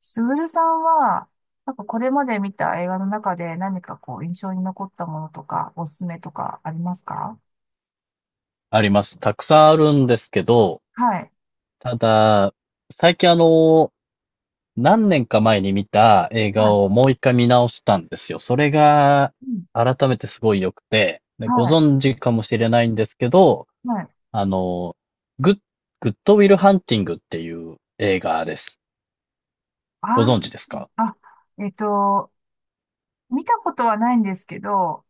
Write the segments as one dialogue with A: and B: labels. A: スグルさんはなんかこれまで見た映画の中で何かこう印象に残ったものとかおすすめとかありますか？
B: あります。たくさんあるんですけど、
A: はい。
B: ただ、最近何年か前に見た映
A: は
B: 画
A: い。
B: をもう一回見直したんですよ。それが、改めてすごい良くて、でご
A: はい。
B: 存知かもしれないんですけど、
A: はい。
B: あの、グッ、グッドウィルハンティングっていう映画です。
A: あ。
B: ご存知ですか？
A: あ。あ。えっと見たことはないんですけど、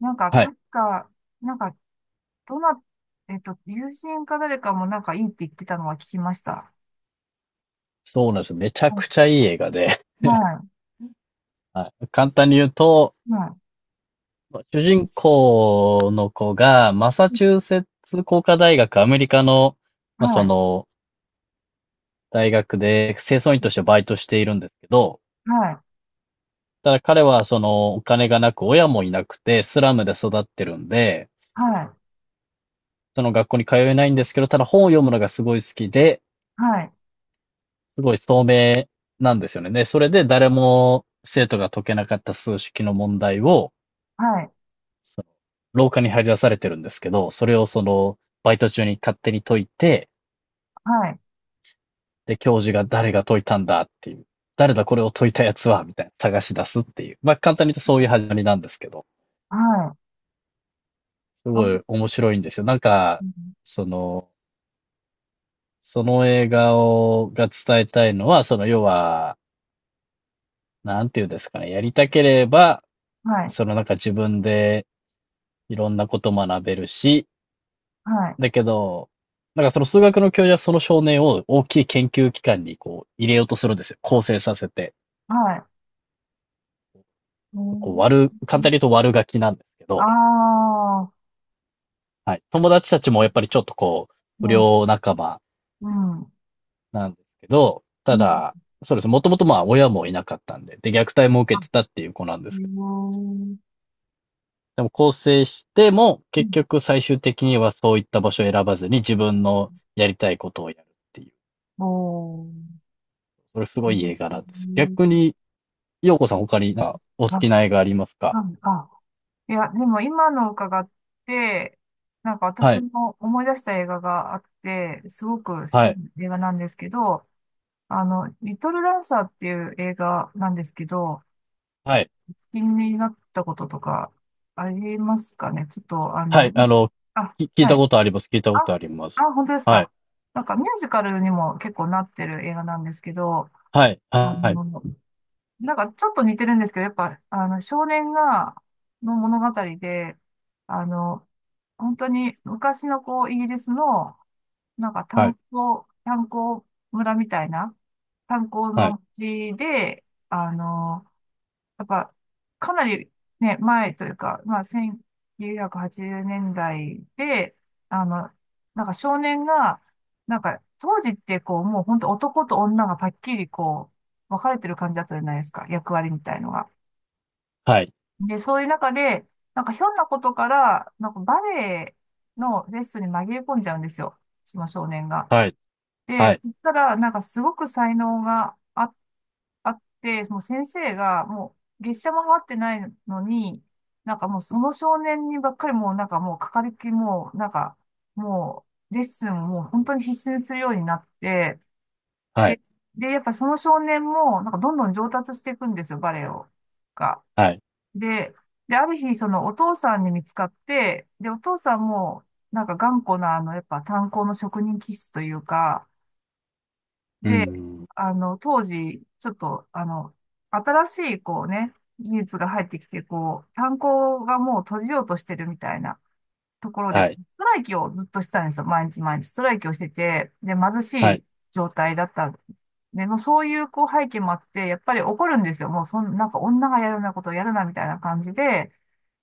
A: なんか
B: はい。
A: 確か、なんか、どな友人か誰かもなんかいいって言ってたのが聞きました。
B: そうなんです。めちゃ
A: は
B: く
A: い。
B: ちゃいい映画で、
A: は
B: はい、簡単に言うと、
A: い。は
B: 主人公の子が、マサ
A: い。
B: チューセッツ工科大学、アメリカの、
A: は
B: まあ、そ
A: い。
B: の、大学で清掃員としてバイトしているんですけど、
A: はい。
B: ただ彼はそのお金がなく、親もいなくて、スラムで育ってるんで、
A: はい。
B: その学校に通えないんですけど、ただ本を読むのがすごい好きで、
A: はい。
B: すごい聡明なんですよね。で、それで誰も生徒が解けなかった数式の問題を、
A: はい。
B: その廊下に張り出されてるんですけど、それをバイト中に勝手に解いて、
A: はい。
B: で、教授が誰が解いたんだっていう、誰だこれを解いたやつは、みたいな探し出すっていう。まあ、簡単に言うとそういう始まりなんですけど、すごい面白いんですよ。なんか、その、その映画が伝えたいのは、要は、なんていうんですかね、やりたければ、
A: はい。
B: なんか自分でいろんなこと学べるし、
A: はい。
B: だけど、なんかその数学の教授はその少年を大きい研究機関にこう入れようとするんですよ。構成させて。
A: はい。う
B: こう
A: ん。
B: 悪、簡単に言うと悪ガキなんですけど、
A: ああ。
B: はい。友達たちもやっぱりちょっと
A: う
B: 不
A: ん、
B: 良仲間
A: うん、
B: なんですけど、
A: う
B: た
A: ん。
B: だ、そうです。もともとまあ親もいなかったんで、で、虐待も受
A: あ、
B: けてたっていう子なんで
A: へえ、
B: すけど、でも更生しても、
A: う
B: 結
A: ん、
B: 局最終的にはそういった場所を選ばずに自分のやりたいことをやるっていう、
A: おー、
B: それす
A: う
B: ごいいい
A: ん、
B: 映画なんですよ。逆に、ようこさん他になんかお好
A: あ、
B: きな映画ありますか？
A: あ、あ、いや、でも今の伺って、なんか
B: は
A: 私
B: い、
A: も思い出した映画があって、すごく好き
B: は
A: な
B: い、
A: 映画なんですけど、リトルダンサーっていう映画なんですけど、
B: はい、
A: 気になったこととかありますかね、ちょっと、
B: はい、あの、
A: あ、
B: き聞い
A: は
B: た
A: い。
B: ことあります。聞いたこと
A: あ、
B: あります。
A: あ、本当です
B: は
A: か。
B: い、
A: なんかミュージカルにも結構なってる映画なんですけど、
B: はい、
A: あ
B: はい、
A: の、なんかちょっと似てるんですけど、やっぱ、少年が、の物語で、あの、本当に昔のこう、イギリスの、なんか
B: は
A: 炭
B: い、
A: 鉱、炭鉱村みたいな、炭鉱
B: は
A: の
B: い、
A: 地で、なんか、かなりね、前というか、まあ、1980年代で、あの、なんか少年が、なんか、当時ってこう、もう本当男と女がパッキリこう、分かれてる感じだったじゃないですか、役割みたいのが。
B: はい、
A: で、そういう中で、なんかひょんなことから、なんかバレエのレッスンに紛れ込んじゃうんですよ、その少年が。
B: はい、
A: で、
B: は
A: そ
B: い。
A: したら、なんかすごく才能があって、もう先生が、もう月謝も払ってないのに、なんかもうその少年にばっかりもうなんかもうかかりっきりもうなんかもうレッスンをもう本当に必死にするようになって、
B: は
A: で、
B: い、
A: で、やっぱその少年もなんかどんどん上達していくんですよ、バレエを。が。
B: はい。
A: で、で、ある日そのお父さんに見つかって、で、お父さんもなんか頑固なあのやっぱ炭鉱の職人気質というか、
B: うー
A: で、
B: ん。
A: 当時、ちょっと、新しい、こうね、技術が入ってきて、こう、炭鉱がもう閉じようとしてるみたいなところで、ス
B: はい、
A: トライキをずっとしてたんですよ。毎日毎日ストライキをしてて、で、貧し
B: はい、
A: い状態だったんで。で、もうそういう、こう、背景もあって、やっぱり怒るんですよ。もう、なんか女がやるようなことをやるな、みたいな感じで、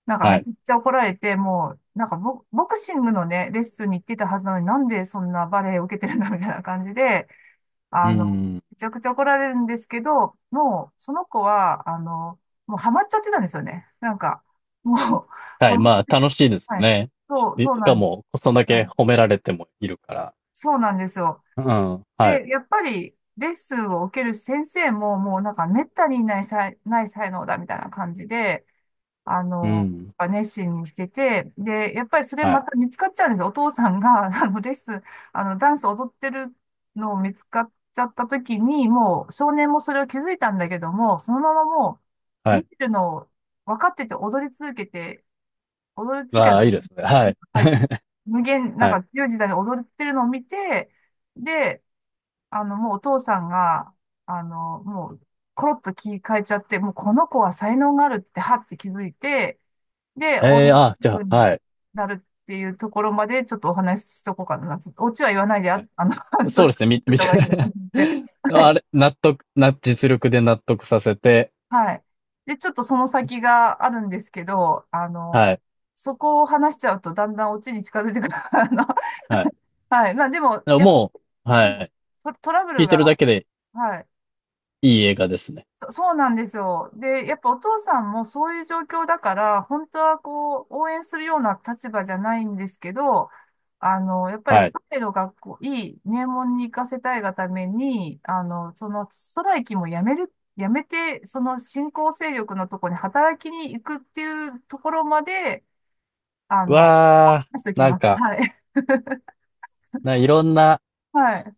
A: なんか
B: は
A: めっ
B: い。
A: ちゃ怒られて、もう、なんかボクシングのね、レッスンに行ってたはずなのに、なんでそんなバレエを受けてるんだ、みたいな感じで、
B: うー
A: あの、
B: ん。
A: めちゃくちゃ怒られるんですけど、もう、その子は、もうハマっちゃってたんですよね。なんか、もう、
B: は
A: ハ
B: い、
A: マ
B: ま
A: っ
B: あ
A: て、
B: 楽しいですよ
A: はい。
B: ね。し
A: そう
B: し
A: な
B: か
A: んです。
B: も、そんだ
A: は
B: け
A: い。
B: 褒められてもいるから。
A: そうなんですよ。
B: うん、はい。
A: で、やっぱり、レッスンを受ける先生も、もうなんか、めったにいない才能だ、みたいな感じで、あ
B: う
A: の、
B: ん。
A: 熱心にしてて、で、やっぱりそれ
B: は
A: ま
B: い、
A: た見つかっちゃうんですよ。お父さんが、レッスン、ダンス踊ってるのを見つかっちゃった時に、もう少年もそれを気づいたんだけども、そのままもう、
B: は
A: 見
B: い。
A: てるのを分かってて踊り続けて、踊り続
B: あ
A: けた、
B: あ、いいですね。はい。
A: はい、無限、なん
B: はい。
A: か強い時代に踊ってるのを見て、で、もうお父さんが、もう、コロッと気変えちゃって、もうこの子は才能があるって、はって気づいて、で、応
B: え
A: 援
B: え、あ、
A: す
B: じ
A: るよ
B: ゃ
A: う
B: あ、は
A: に
B: い。
A: なるっていうところまでちょっとお話ししとこうかな。オチは言わないで、
B: は
A: あ、
B: い。
A: 半
B: そう
A: 年
B: ですね、
A: し
B: み
A: た
B: 見
A: 方
B: て
A: がいいなと思って。はい。
B: あれ、納得な実力で納得させて、
A: はい。で、ちょっとその先があるんですけど、
B: はい、
A: そこを話しちゃうとだんだんオチに近づいてくる。
B: はい。
A: はい。まあでも、
B: でも
A: やっぱ、
B: もう、
A: なんだ
B: は
A: ろ
B: い、
A: う、トラブ
B: 聞
A: ル
B: いてるだ
A: が、
B: けで
A: はい。
B: いい映画ですね。
A: そうなんですよ。で、やっぱお父さんもそういう状況だから、本当はこう、応援するような立場じゃないんですけど、やっぱり
B: はい。
A: バレエの学校、いい名門に行かせたいがために、そのストライキもやめて、その新興勢力のところに働きに行くっていうところまで、あの、
B: わあ、
A: しとき
B: なん
A: ます。
B: か、
A: はい。
B: いろんな
A: はい。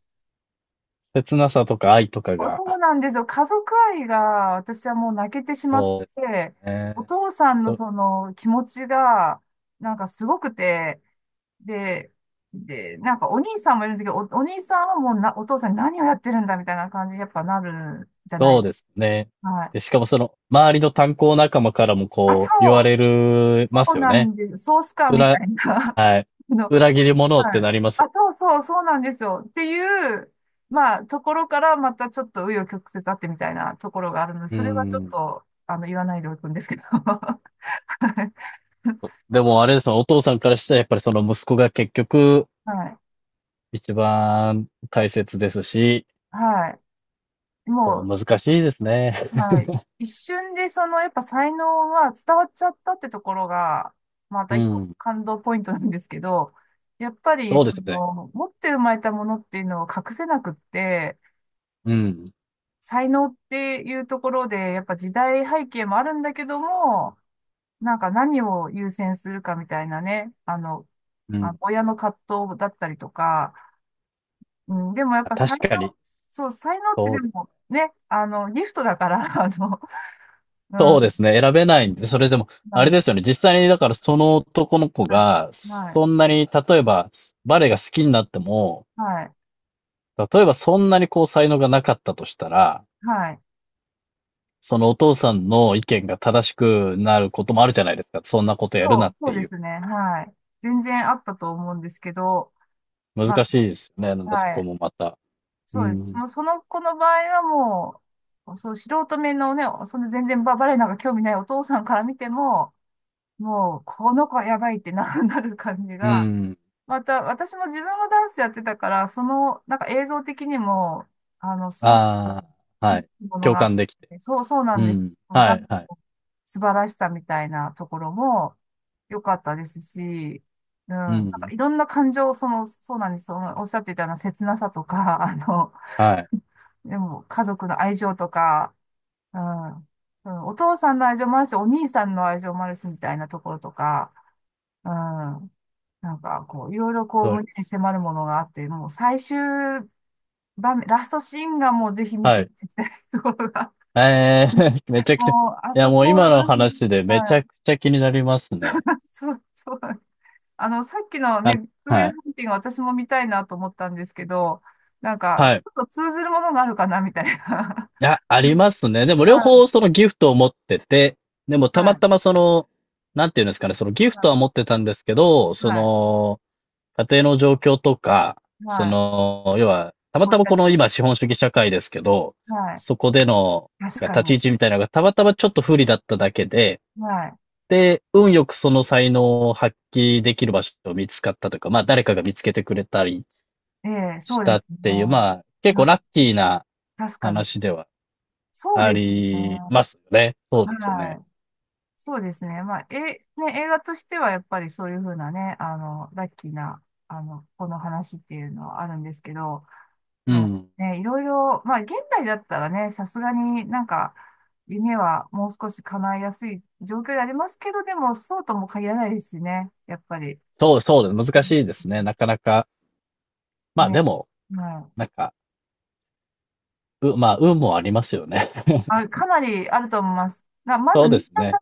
B: 切なさとか愛とか
A: そう
B: が、
A: なんですよ。家族愛が私はもう泣けてしまっ
B: そうで
A: て、
B: す
A: お
B: ね。
A: 父さんの
B: そ
A: その気持ちがなんかすごくて、で、で、なんかお兄さんもいるんですけど、お兄さんはもうお父さんに何をやってるんだみたいな感じにやっぱなるじゃな
B: そう
A: い。
B: ですね。
A: は
B: で、
A: い。
B: しかもその、周りの炭鉱仲間からも
A: あ、
B: こう、言わ
A: う、
B: れるま
A: そ
B: す
A: う
B: よ
A: な
B: ね。
A: んです。ソースかみた
B: 裏、
A: いな、
B: はい。
A: あの、
B: 裏切り者って
A: はい。
B: なりますよ。
A: あ、そうなんですよ。っていう、まあ、ところからまたちょっと紆余曲折あってみたいなところがあるので、
B: う
A: それはちょっ
B: ん。
A: と、言わないでおくんですけど。
B: でもあれですよ、お父さんからしたらやっぱりその息子が結局、
A: はい。
B: 一番大切ですし、
A: はい。
B: そう、
A: も
B: 難しいですね。
A: う、は い。一瞬で、その、やっぱ才能が伝わっちゃったってところが、また
B: う
A: 一個
B: ん。
A: 感動ポイントなんですけど、やっぱり、
B: そうで
A: そ
B: すね。
A: の、持って生まれたものっていうのを隠せなくって、
B: うん。
A: 才能っていうところで、やっぱ時代背景もあるんだけども、なんか何を優先するかみたいなね、
B: う
A: あ、
B: ん。
A: 親の葛藤だったりとか、うん、でもやっ
B: あ
A: ぱ才
B: 確かに、
A: 能、そう、才能って
B: そ
A: で
B: うですね
A: もね、ギフトだから、う
B: そう
A: ん、
B: ですね。選べないんで、それでも、
A: な
B: あれ
A: ん
B: ですよね。実際に、だからその男の子
A: はい、
B: が、
A: はい、
B: そんなに、例えば、バレエが好きになっても、
A: はい、
B: 例えばそんなにこう才能がなかったとしたら、
A: はい。
B: そのお父さんの意見が正しくなることもあるじゃないですか。そんなことやる
A: そ
B: な
A: う、
B: っ
A: そ
B: て
A: うで
B: いう。
A: すね、はい。全然あったと思うんですけど、ま
B: 難しいですよね。なん
A: あ、
B: でそ
A: は
B: こ
A: い、
B: もまた。う
A: そうです。
B: ん。
A: もうその子の場合はもう、そう、素人目のね、その全然バレエなんか興味ないお父さんから見ても、もう、この子はやばいってなる感じ
B: う
A: が、
B: ん。
A: また、私も自分のダンスやってたから、その、なんか映像的にも、すごく、
B: ああ、は
A: 響
B: い。
A: くもの
B: 共
A: があっ
B: 感できて。
A: て、そうな
B: う
A: んです。
B: ん。は
A: ダ
B: い、
A: ン
B: はい。
A: スの素晴らしさみたいなところも良かったですし、うん、
B: う
A: なんか
B: ん。
A: いろんな感情、その、そうなんです。その、おっしゃっていたような切なさとか、
B: はい。
A: でも、家族の愛情とか、うん、うん、お父さんの愛情もあるし、お兄さんの愛情もあるし、みたいなところとか、うん。なんか、こう、いろいろこう、
B: それ、
A: 胸に迫るものがあって、もう最終場面、ラストシーンがもうぜひ見て
B: は
A: い
B: い。
A: ただきたいところが、
B: ええ めち ゃくちゃ、い
A: もう、あ
B: や
A: そ
B: もう
A: こは
B: 今の
A: 何、
B: 話でめち
A: はい、
B: ゃくちゃ気になりますね。
A: そうなんです、さっきの
B: あ、
A: ね、グッドウィ
B: は
A: ル
B: い。
A: ハンティング私も見たいなと思ったんですけど、なんか、ち
B: はい。
A: ょっと通ずるものがあるかな、みたいな。
B: い や、ありますね。でも両
A: は
B: 方
A: い、
B: そのギフトを持ってて、でも
A: は
B: たま
A: い、
B: たまなんていうんですかね、そのギフ
A: は
B: トは持
A: い、
B: ってたんですけど、
A: はい、
B: 家庭の状況とか、
A: はい、
B: 要は、たま
A: ご
B: た
A: 自
B: まこ
A: 宅、
B: の今資本主義社会ですけど、
A: はい、
B: そこでの、
A: 確
B: なん
A: か
B: か立
A: に、
B: ち位置みたいなのがたまたまちょっと不利だっただけで、
A: は
B: で、運よくその才能を発揮できる場所を見つかったというか、まあ誰かが見つけてくれたり
A: い、ええ、
B: し
A: そうで
B: たっ
A: すね。
B: ていう、まあ結構
A: は
B: ラ
A: い。
B: ッキーな
A: 確かに、
B: 話では
A: そう
B: あ
A: です
B: りま
A: ね。
B: すよね。そうですよ
A: は
B: ね。
A: い。そうですね。まあ、え、ね、映画としてはやっぱりそういうふうなね、ラッキーな、この話っていうのはあるんですけど、
B: う
A: まあ、
B: ん。
A: ね、いろいろ、まあ、現代だったらね、さすがになんか、夢はもう少し叶いやすい状況でありますけど、でも、そうとも限らないですしね、やっぱり。
B: そうそうです。難しいですね。なかなか。まあ
A: ね。
B: でも、
A: はい。
B: なんか、まあ運もありますよね。
A: あ、かなりあると思います。まず、
B: そうで
A: 満
B: す
A: たさ
B: ね。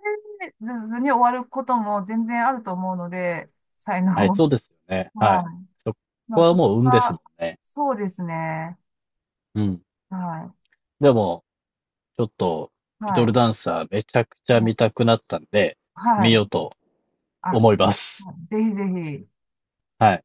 A: れずに終わることも全然あると思うので、才能。
B: はい、そ うですよね。は
A: は
B: い。
A: い。
B: そ
A: ま
B: こ
A: あ、
B: は
A: そこ
B: もう運ですも
A: が、
B: んね。
A: そうですね。
B: うん。
A: は
B: でも、ちょっと、
A: い。
B: リ
A: は
B: トル
A: い。
B: ダンサーめちゃくちゃ
A: まあ、
B: 見たくなったんで、
A: は
B: 見
A: い。
B: ようと
A: あ、
B: 思います。
A: ぜひぜひ。
B: はい。